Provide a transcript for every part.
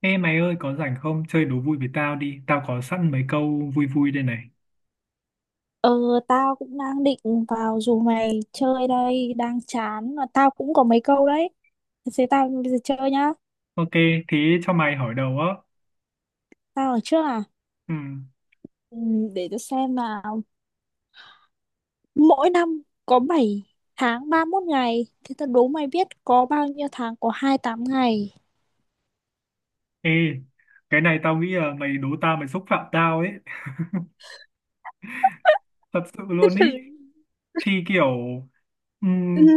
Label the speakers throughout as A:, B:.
A: Ê mày ơi có rảnh không? Chơi đố vui với tao đi. Tao có sẵn mấy câu vui vui đây này.
B: Ờ, tao cũng đang định vào dù mày chơi đây, đang chán mà tao cũng có mấy câu đấy. Thế tao bây giờ chơi nhá.
A: Ok, thế cho mày hỏi đầu á.
B: Tao ở trước à?
A: Ừ.
B: Ừ, để tao xem nào. Mỗi năm có 7 tháng 31 ngày. Thế tao đố mày biết có bao nhiêu tháng có 28 ngày.
A: Ê, cái này tao nghĩ là mày đố tao mày xúc phạm tao ấy. Thật sự luôn ý.
B: Thử.
A: Thì kiểu
B: Ừ,
A: ừm,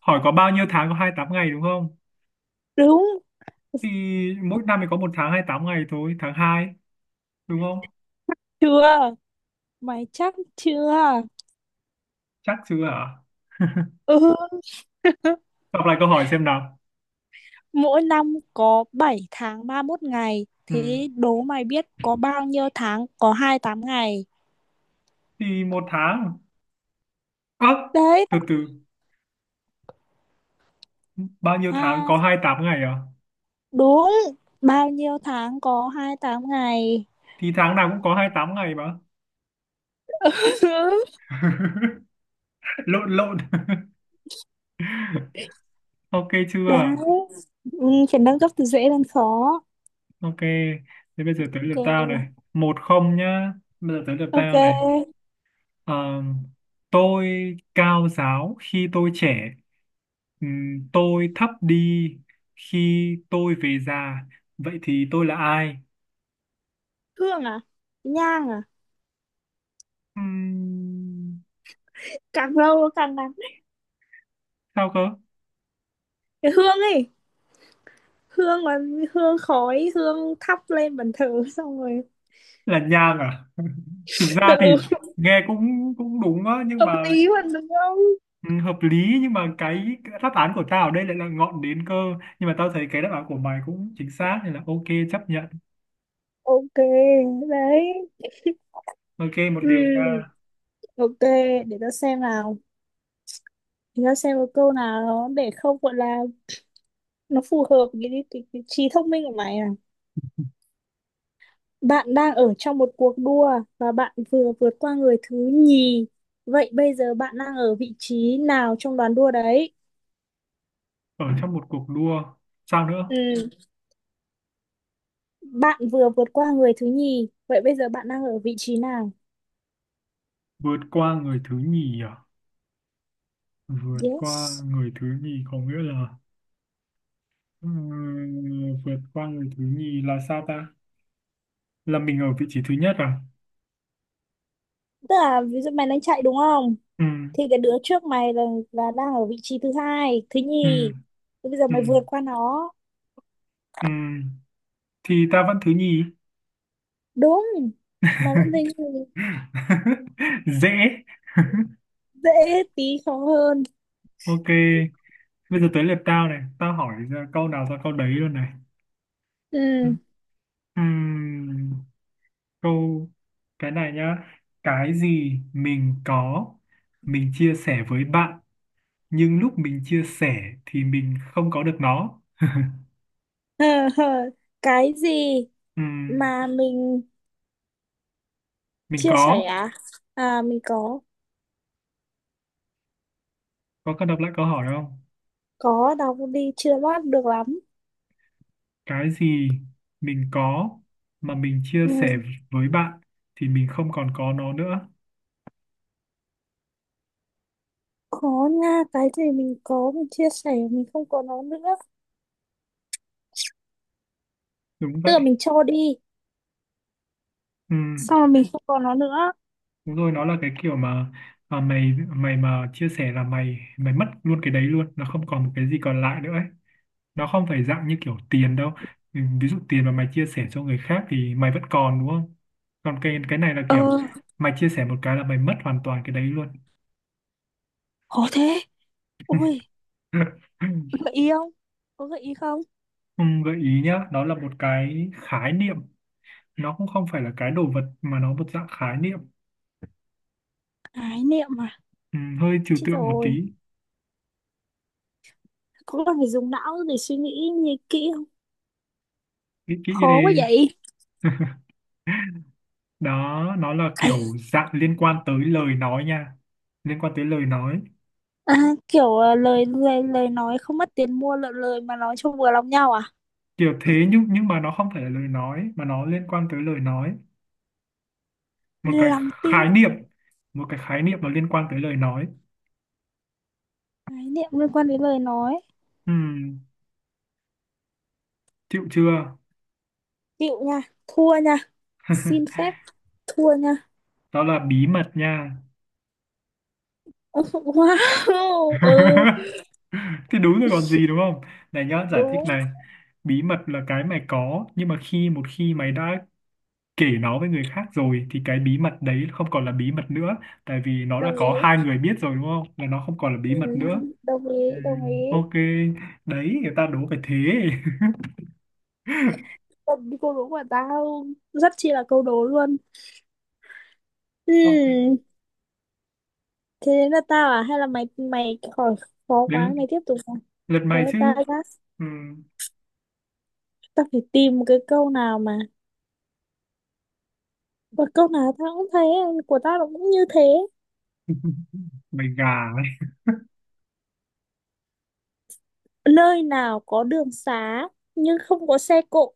A: hỏi có bao nhiêu tháng có 28 ngày đúng không?
B: đúng
A: Thì mỗi năm thì có một tháng 28 ngày thôi, tháng hai đúng không?
B: chưa? Mày chắc chưa?
A: Chắc chưa hả?
B: Ừ.
A: Đọc lại câu hỏi xem nào.
B: Mỗi năm có 7 tháng 31 ngày.
A: Ừ.
B: Thế đố mày biết có bao nhiêu tháng có 28 ngày.
A: Thì một tháng. Ơ,
B: Đấy.
A: từ từ. Bao nhiêu tháng
B: À,
A: có 28 ngày à?
B: đúng. Bao nhiêu tháng có 28 ngày.
A: Thì tháng nào cũng có 28 ngày mà. Lộn lộn. Ok
B: Đấy.
A: chưa?
B: Ừ, chuyển nâng cấp từ dễ lên khó.
A: Ok, thế bây giờ tới lượt tao này
B: Ok.
A: một không nhá. Bây giờ tới lượt
B: Ok.
A: tao này. Ờ, tôi cao giáo khi tôi trẻ. Tôi thấp đi khi tôi về già, vậy thì tôi là ai?
B: Hương à? Nhang à?
A: Ừm,
B: Càng lâu càng nặng.
A: sao cơ?
B: Cái hương ấy. Hương là hương khói, hương thắp lên bàn thờ, xong rồi.
A: Là nhang à? Thực ra thì
B: Ừ,
A: nghe cũng cũng đúng á, nhưng
B: hợp
A: mà,
B: lý mà đúng không.
A: ừ, hợp lý. Nhưng mà cái đáp án của tao ở đây lại là ngọn đến cơ, nhưng mà tao thấy cái đáp án của mày cũng chính xác nên là ok, chấp nhận.
B: Ok. Đấy.
A: Ok một điều nha.
B: Ừ. Ok, để tao xem nào, để tao xem một câu nào đó để không gọi là nó phù hợp với cái trí thông minh của mày à. Bạn đang ở trong một cuộc đua và bạn vừa vượt qua người thứ nhì, vậy bây giờ bạn đang ở vị trí nào trong đoàn đua đấy?
A: Ở trong một cuộc đua. Sao nữa?
B: Ừ. Bạn vừa vượt qua người thứ nhì, vậy bây giờ bạn đang ở vị trí nào?
A: Vượt qua người thứ nhì à? Vượt qua
B: Yes.
A: người thứ nhì có nghĩa là, vượt qua người thứ nhì là sao ta? Là mình ở vị trí thứ nhất à?
B: Tức là ví dụ mày đang chạy đúng không,
A: Ừ.
B: thì cái đứa trước mày là đang ở vị trí thứ hai, thứ
A: Ừ.
B: nhì. Thế bây giờ
A: Ừ.
B: mày vượt qua nó.
A: Ừ. Thì ta vẫn thứ nhì.
B: Đúng. Mày vẫn thấy
A: Dễ.
B: dễ. Tí khó hơn.
A: Ok, bây giờ tới lượt tao này, tao hỏi ra câu nào ra câu đấy luôn này. Ừ.
B: Ừ.
A: Ừm, câu cái này nhá. Cái gì mình có, mình chia sẻ với bạn, nhưng lúc mình chia sẻ thì mình không có được nó.
B: Cái gì
A: Ừm,
B: mà mình
A: mình
B: chia
A: có,
B: sẻ à? À, mình có
A: có cần đọc lại câu hỏi không?
B: có Đọc đi chưa bắt được lắm.
A: Cái gì mình có mà mình chia
B: Ừ,
A: sẻ với bạn thì mình không còn có nó nữa.
B: có nha, cái gì mình có mình chia sẻ mình không có nó nữa.
A: Đúng
B: Tức là
A: vậy.
B: mình cho đi,
A: Ừ.
B: xong rồi mình không có nó nữa.
A: Đúng rồi, nó là cái kiểu mà mày mày mà chia sẻ là mày mày mất luôn cái đấy luôn, nó không còn một cái gì còn lại nữa ấy. Nó không phải dạng như kiểu tiền đâu. Ừ, ví dụ tiền mà mày chia sẻ cho người khác thì mày vẫn còn đúng không? Còn cái này là
B: Ờ,
A: kiểu mày chia sẻ một cái là mày mất hoàn toàn cái đấy luôn.
B: có thế. Ôi, gợi ý không? Có gợi ý không?
A: Ừ, gợi ý nhá, đó là một cái khái niệm, nó cũng không phải là cái đồ vật mà nó một dạng khái niệm,
B: Ái niệm à.
A: ừ, hơi trừu
B: Chết
A: tượng một
B: rồi.
A: tí.
B: Có cần phải dùng não để suy nghĩ nghĩ kỹ không?
A: Nghĩ kỹ
B: Khó quá
A: đi.
B: vậy.
A: Đó nó là kiểu dạng liên quan tới lời nói nha, liên quan tới lời nói.
B: À, kiểu à, lời lời lời nói không mất tiền mua, lời, lời mà nói cho vừa lòng nhau à?
A: Kiểu thế, nhưng mà nó không phải là lời nói mà nó liên quan tới lời nói. Một cái
B: Lòng tin,
A: khái niệm, một cái khái niệm mà liên quan tới lời nói.
B: khái niệm liên quan đến lời nói.
A: Ừm, Chịu chưa?
B: Chịu nha, thua nha. Xin phép thua nha.
A: Đó là bí mật nha.
B: Wow, ừ,
A: Thì đúng rồi còn gì đúng không? Này nhá, giải thích
B: đúng,
A: này. Bí mật là cái mày có, nhưng mà một khi mày đã kể nó với người khác rồi thì cái bí mật đấy không còn là bí mật nữa, tại vì nó đã
B: đồng
A: có
B: ý.
A: hai người biết rồi đúng không, là nó không còn là bí
B: Ừ,
A: mật nữa.
B: đồng
A: Ừ,
B: ý, đồng ý.
A: ok, đấy người ta đố phải thế.
B: Câu đố của tao rất chi là câu đố luôn.
A: Ok,
B: Ừ, thế đến là tao à? Hay là mày mày khỏi, khó quá
A: đến
B: mày tiếp tục à?
A: lượt
B: Thế
A: mày chứ.
B: tao đã-
A: Ừ.
B: Tao phải tìm một cái câu nào mà, và câu nào tao cũng thế, của tao nó cũng như thế.
A: Mày gà ấy.
B: Nơi nào có đường xá nhưng không có xe cộ,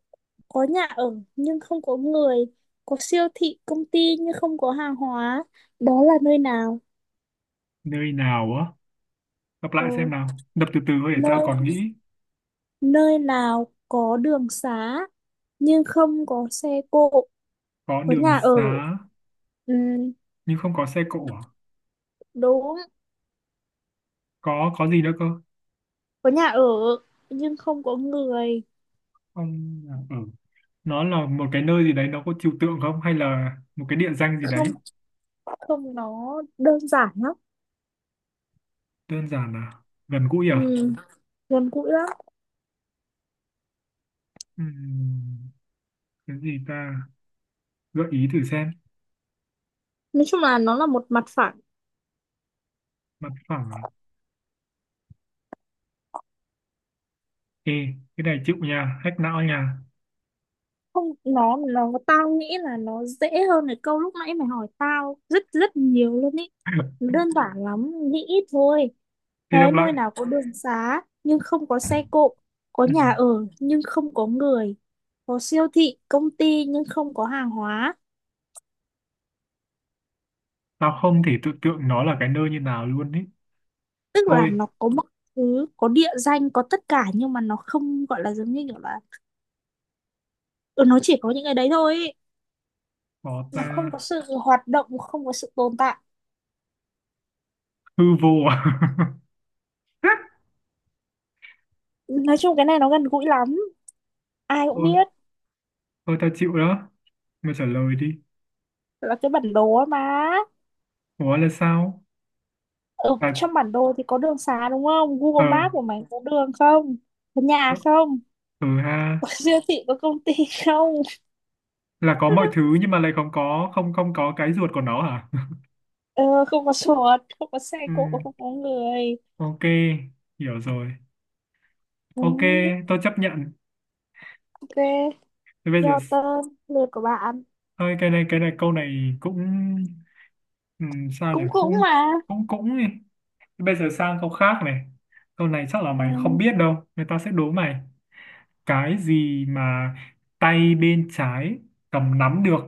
B: có nhà ở nhưng không có người, có siêu thị công ty nhưng không có hàng hóa, đó là nơi nào?
A: Nơi nào á? Gặp
B: Ờ,
A: lại xem nào, đập từ từ thôi để tao
B: nơi
A: còn nghĩ.
B: nơi nào có đường xá nhưng không có xe cộ,
A: Có
B: có
A: đường
B: nhà ở.
A: xá
B: Ừ,
A: nhưng không có xe cộ à?
B: đúng.
A: Có gì nữa cơ?
B: Có nhà ở nhưng không có người.
A: Không. Ừ. Nó là một cái nơi gì đấy, nó có trừu tượng không hay là một cái địa danh gì
B: Không,
A: đấy?
B: không, nó đơn giản lắm.
A: Đơn giản à? Gần gũi
B: Ừ,
A: à?
B: gần gũi lắm.
A: Ừm, cái gì ta? Gợi ý thử xem.
B: Nói chung là nó là một mặt phẳng.
A: Mặt phẳng à? Ê, cái này chịu nha, hack não nha.
B: Không, nó tao nghĩ là nó dễ hơn cái câu lúc nãy mày hỏi tao rất rất nhiều luôn ý. Nó đơn giản lắm, nghĩ ít thôi. Thế
A: Thế đọc lại.
B: nơi nào có đường xá nhưng không có xe cộ, có nhà
A: Ừm,
B: ở nhưng không có người, có siêu thị công ty nhưng không có hàng hóa.
A: Tao không thể tưởng tượng nó là cái nơi như nào luôn ý.
B: Tức là
A: Thôi.
B: nó có mọi thứ, có địa danh, có tất cả, nhưng mà nó không gọi là giống như kiểu là, ừ, nó chỉ có những cái đấy thôi ý.
A: Có
B: Nó không
A: ta?
B: có sự hoạt động, không có sự tồn tại.
A: Hư vô à?
B: Nói chung cái này nó gần gũi lắm, ai cũng
A: Thôi
B: biết.
A: thôi, tao chịu đó, mày trả lời đi.
B: Là cái bản đồ ấy mà.
A: Ủa là sao?
B: Ở
A: À,
B: trong bản đồ thì có đường xá đúng không?
A: ờ.
B: Google Maps của mày có đường không? Có nhà
A: Ờ,
B: không?
A: ừ,
B: Có
A: ha.
B: siêu thị, có công ty không?
A: Là có mọi thứ nhưng mà lại không có, không không có cái ruột của nó hả?
B: Ờ, không có chuột, không có xe cộ,
A: Ừm,
B: không có người.
A: ok, hiểu rồi.
B: Ừ,
A: Ok, tôi chấp nhận.
B: ok.
A: Thế bây giờ
B: Giao tên lượt của bạn.
A: Thôi cái này câu này cũng, sao nhỉ,
B: Cũng cũng
A: cũng
B: mà.
A: cũng cũng đi. Bây giờ sang câu khác này, câu này chắc là
B: Ừ,
A: mày không biết đâu, người ta sẽ đố mày cái gì mà tay bên trái cầm nắm được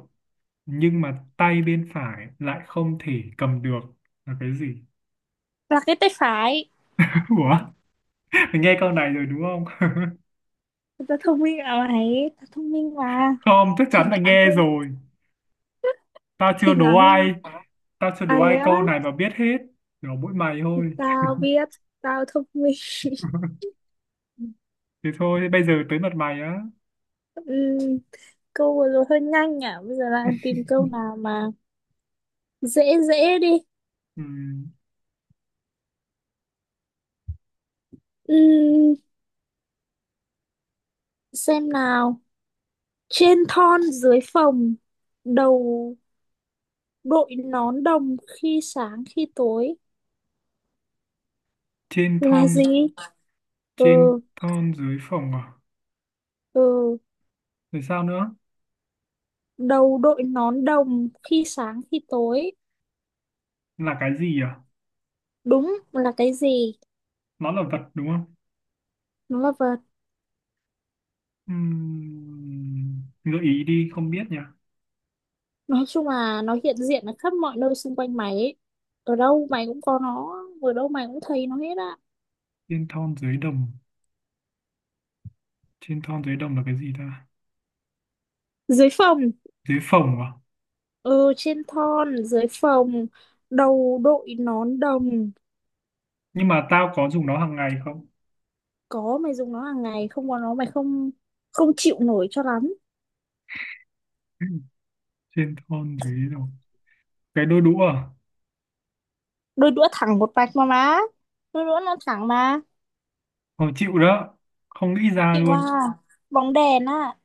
A: nhưng mà tay bên phải lại không thể cầm được là cái gì.
B: là cái tay phải.
A: Ủa, mày nghe câu này rồi đúng không?
B: Người ta thông minh à mày, ta thông minh mà.
A: Không, chắc chắn
B: Thỉnh
A: là
B: thoảng
A: nghe
B: không.
A: rồi. tao chưa
B: Thỉnh
A: đố
B: thoảng không.
A: ai Tao chưa
B: À
A: đố
B: thế
A: ai
B: á.
A: câu này mà biết hết. Đố mỗi mày thôi.
B: Tao biết. Tao thông minh.
A: Thế thôi, bây giờ tới mặt mày á.
B: Ừ. Câu vừa rồi hơi nhanh à, bây giờ lại tìm câu nào mà dễ, dễ đi.
A: Ừm,
B: Ừm, xem nào. Trên thon dưới phòng, đầu đội nón đồng khi sáng khi tối,
A: trên
B: là
A: thon,
B: gì?
A: trên
B: Ừ.
A: thon dưới phồng à?
B: Ừ.
A: Rồi sao nữa?
B: Đầu đội nón đồng khi sáng khi tối.
A: Là cái gì à?
B: Đúng là cái gì.
A: Nó là vật đúng không?
B: Nó là vật.
A: Gợi ý đi, không biết nhỉ.
B: Nói chung là nó hiện diện ở khắp mọi nơi xung quanh mày ấy. Ở đâu mày cũng có nó, ở đâu mày cũng thấy nó hết á.
A: Trên thon dưới đồng. Trên thon dưới đồng là cái gì ta?
B: Dưới phòng.
A: Dưới phồng à?
B: Ừ, trên thon dưới phòng, đầu đội nón đồng.
A: Nhưng mà tao có dùng nó hàng ngày không?
B: Có, mày dùng nó hàng ngày. Không có nó mày không, không chịu nổi cho lắm.
A: Trên thon dưới đồng. Cái đôi đũa à?
B: Đôi đũa thẳng một mạch mà má, đôi đũa nó thẳng mà.
A: Khó chịu đó. Không nghĩ ra
B: Chịu à.
A: luôn.
B: Bóng đèn á.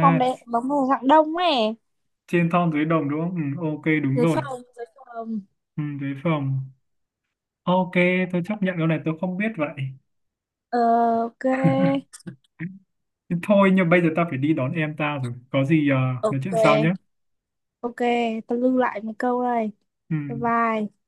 B: Bóng đèn, bóng đèn dạng đông ấy.
A: trên thon dưới đồng đúng không? Ừ, ok, đúng
B: Dưới
A: rồi.
B: phòng, dưới phòng.
A: Ừ, dưới phồng. Ok, tôi chấp nhận cái này tôi không biết vậy.
B: Ờ, ok.
A: Thôi nhưng bây giờ ta phải đi đón em ta rồi. Có gì nói chuyện sau nhé.
B: Ok. Ok, tao lưu lại một câu đây.
A: Ừ.
B: Bye bye.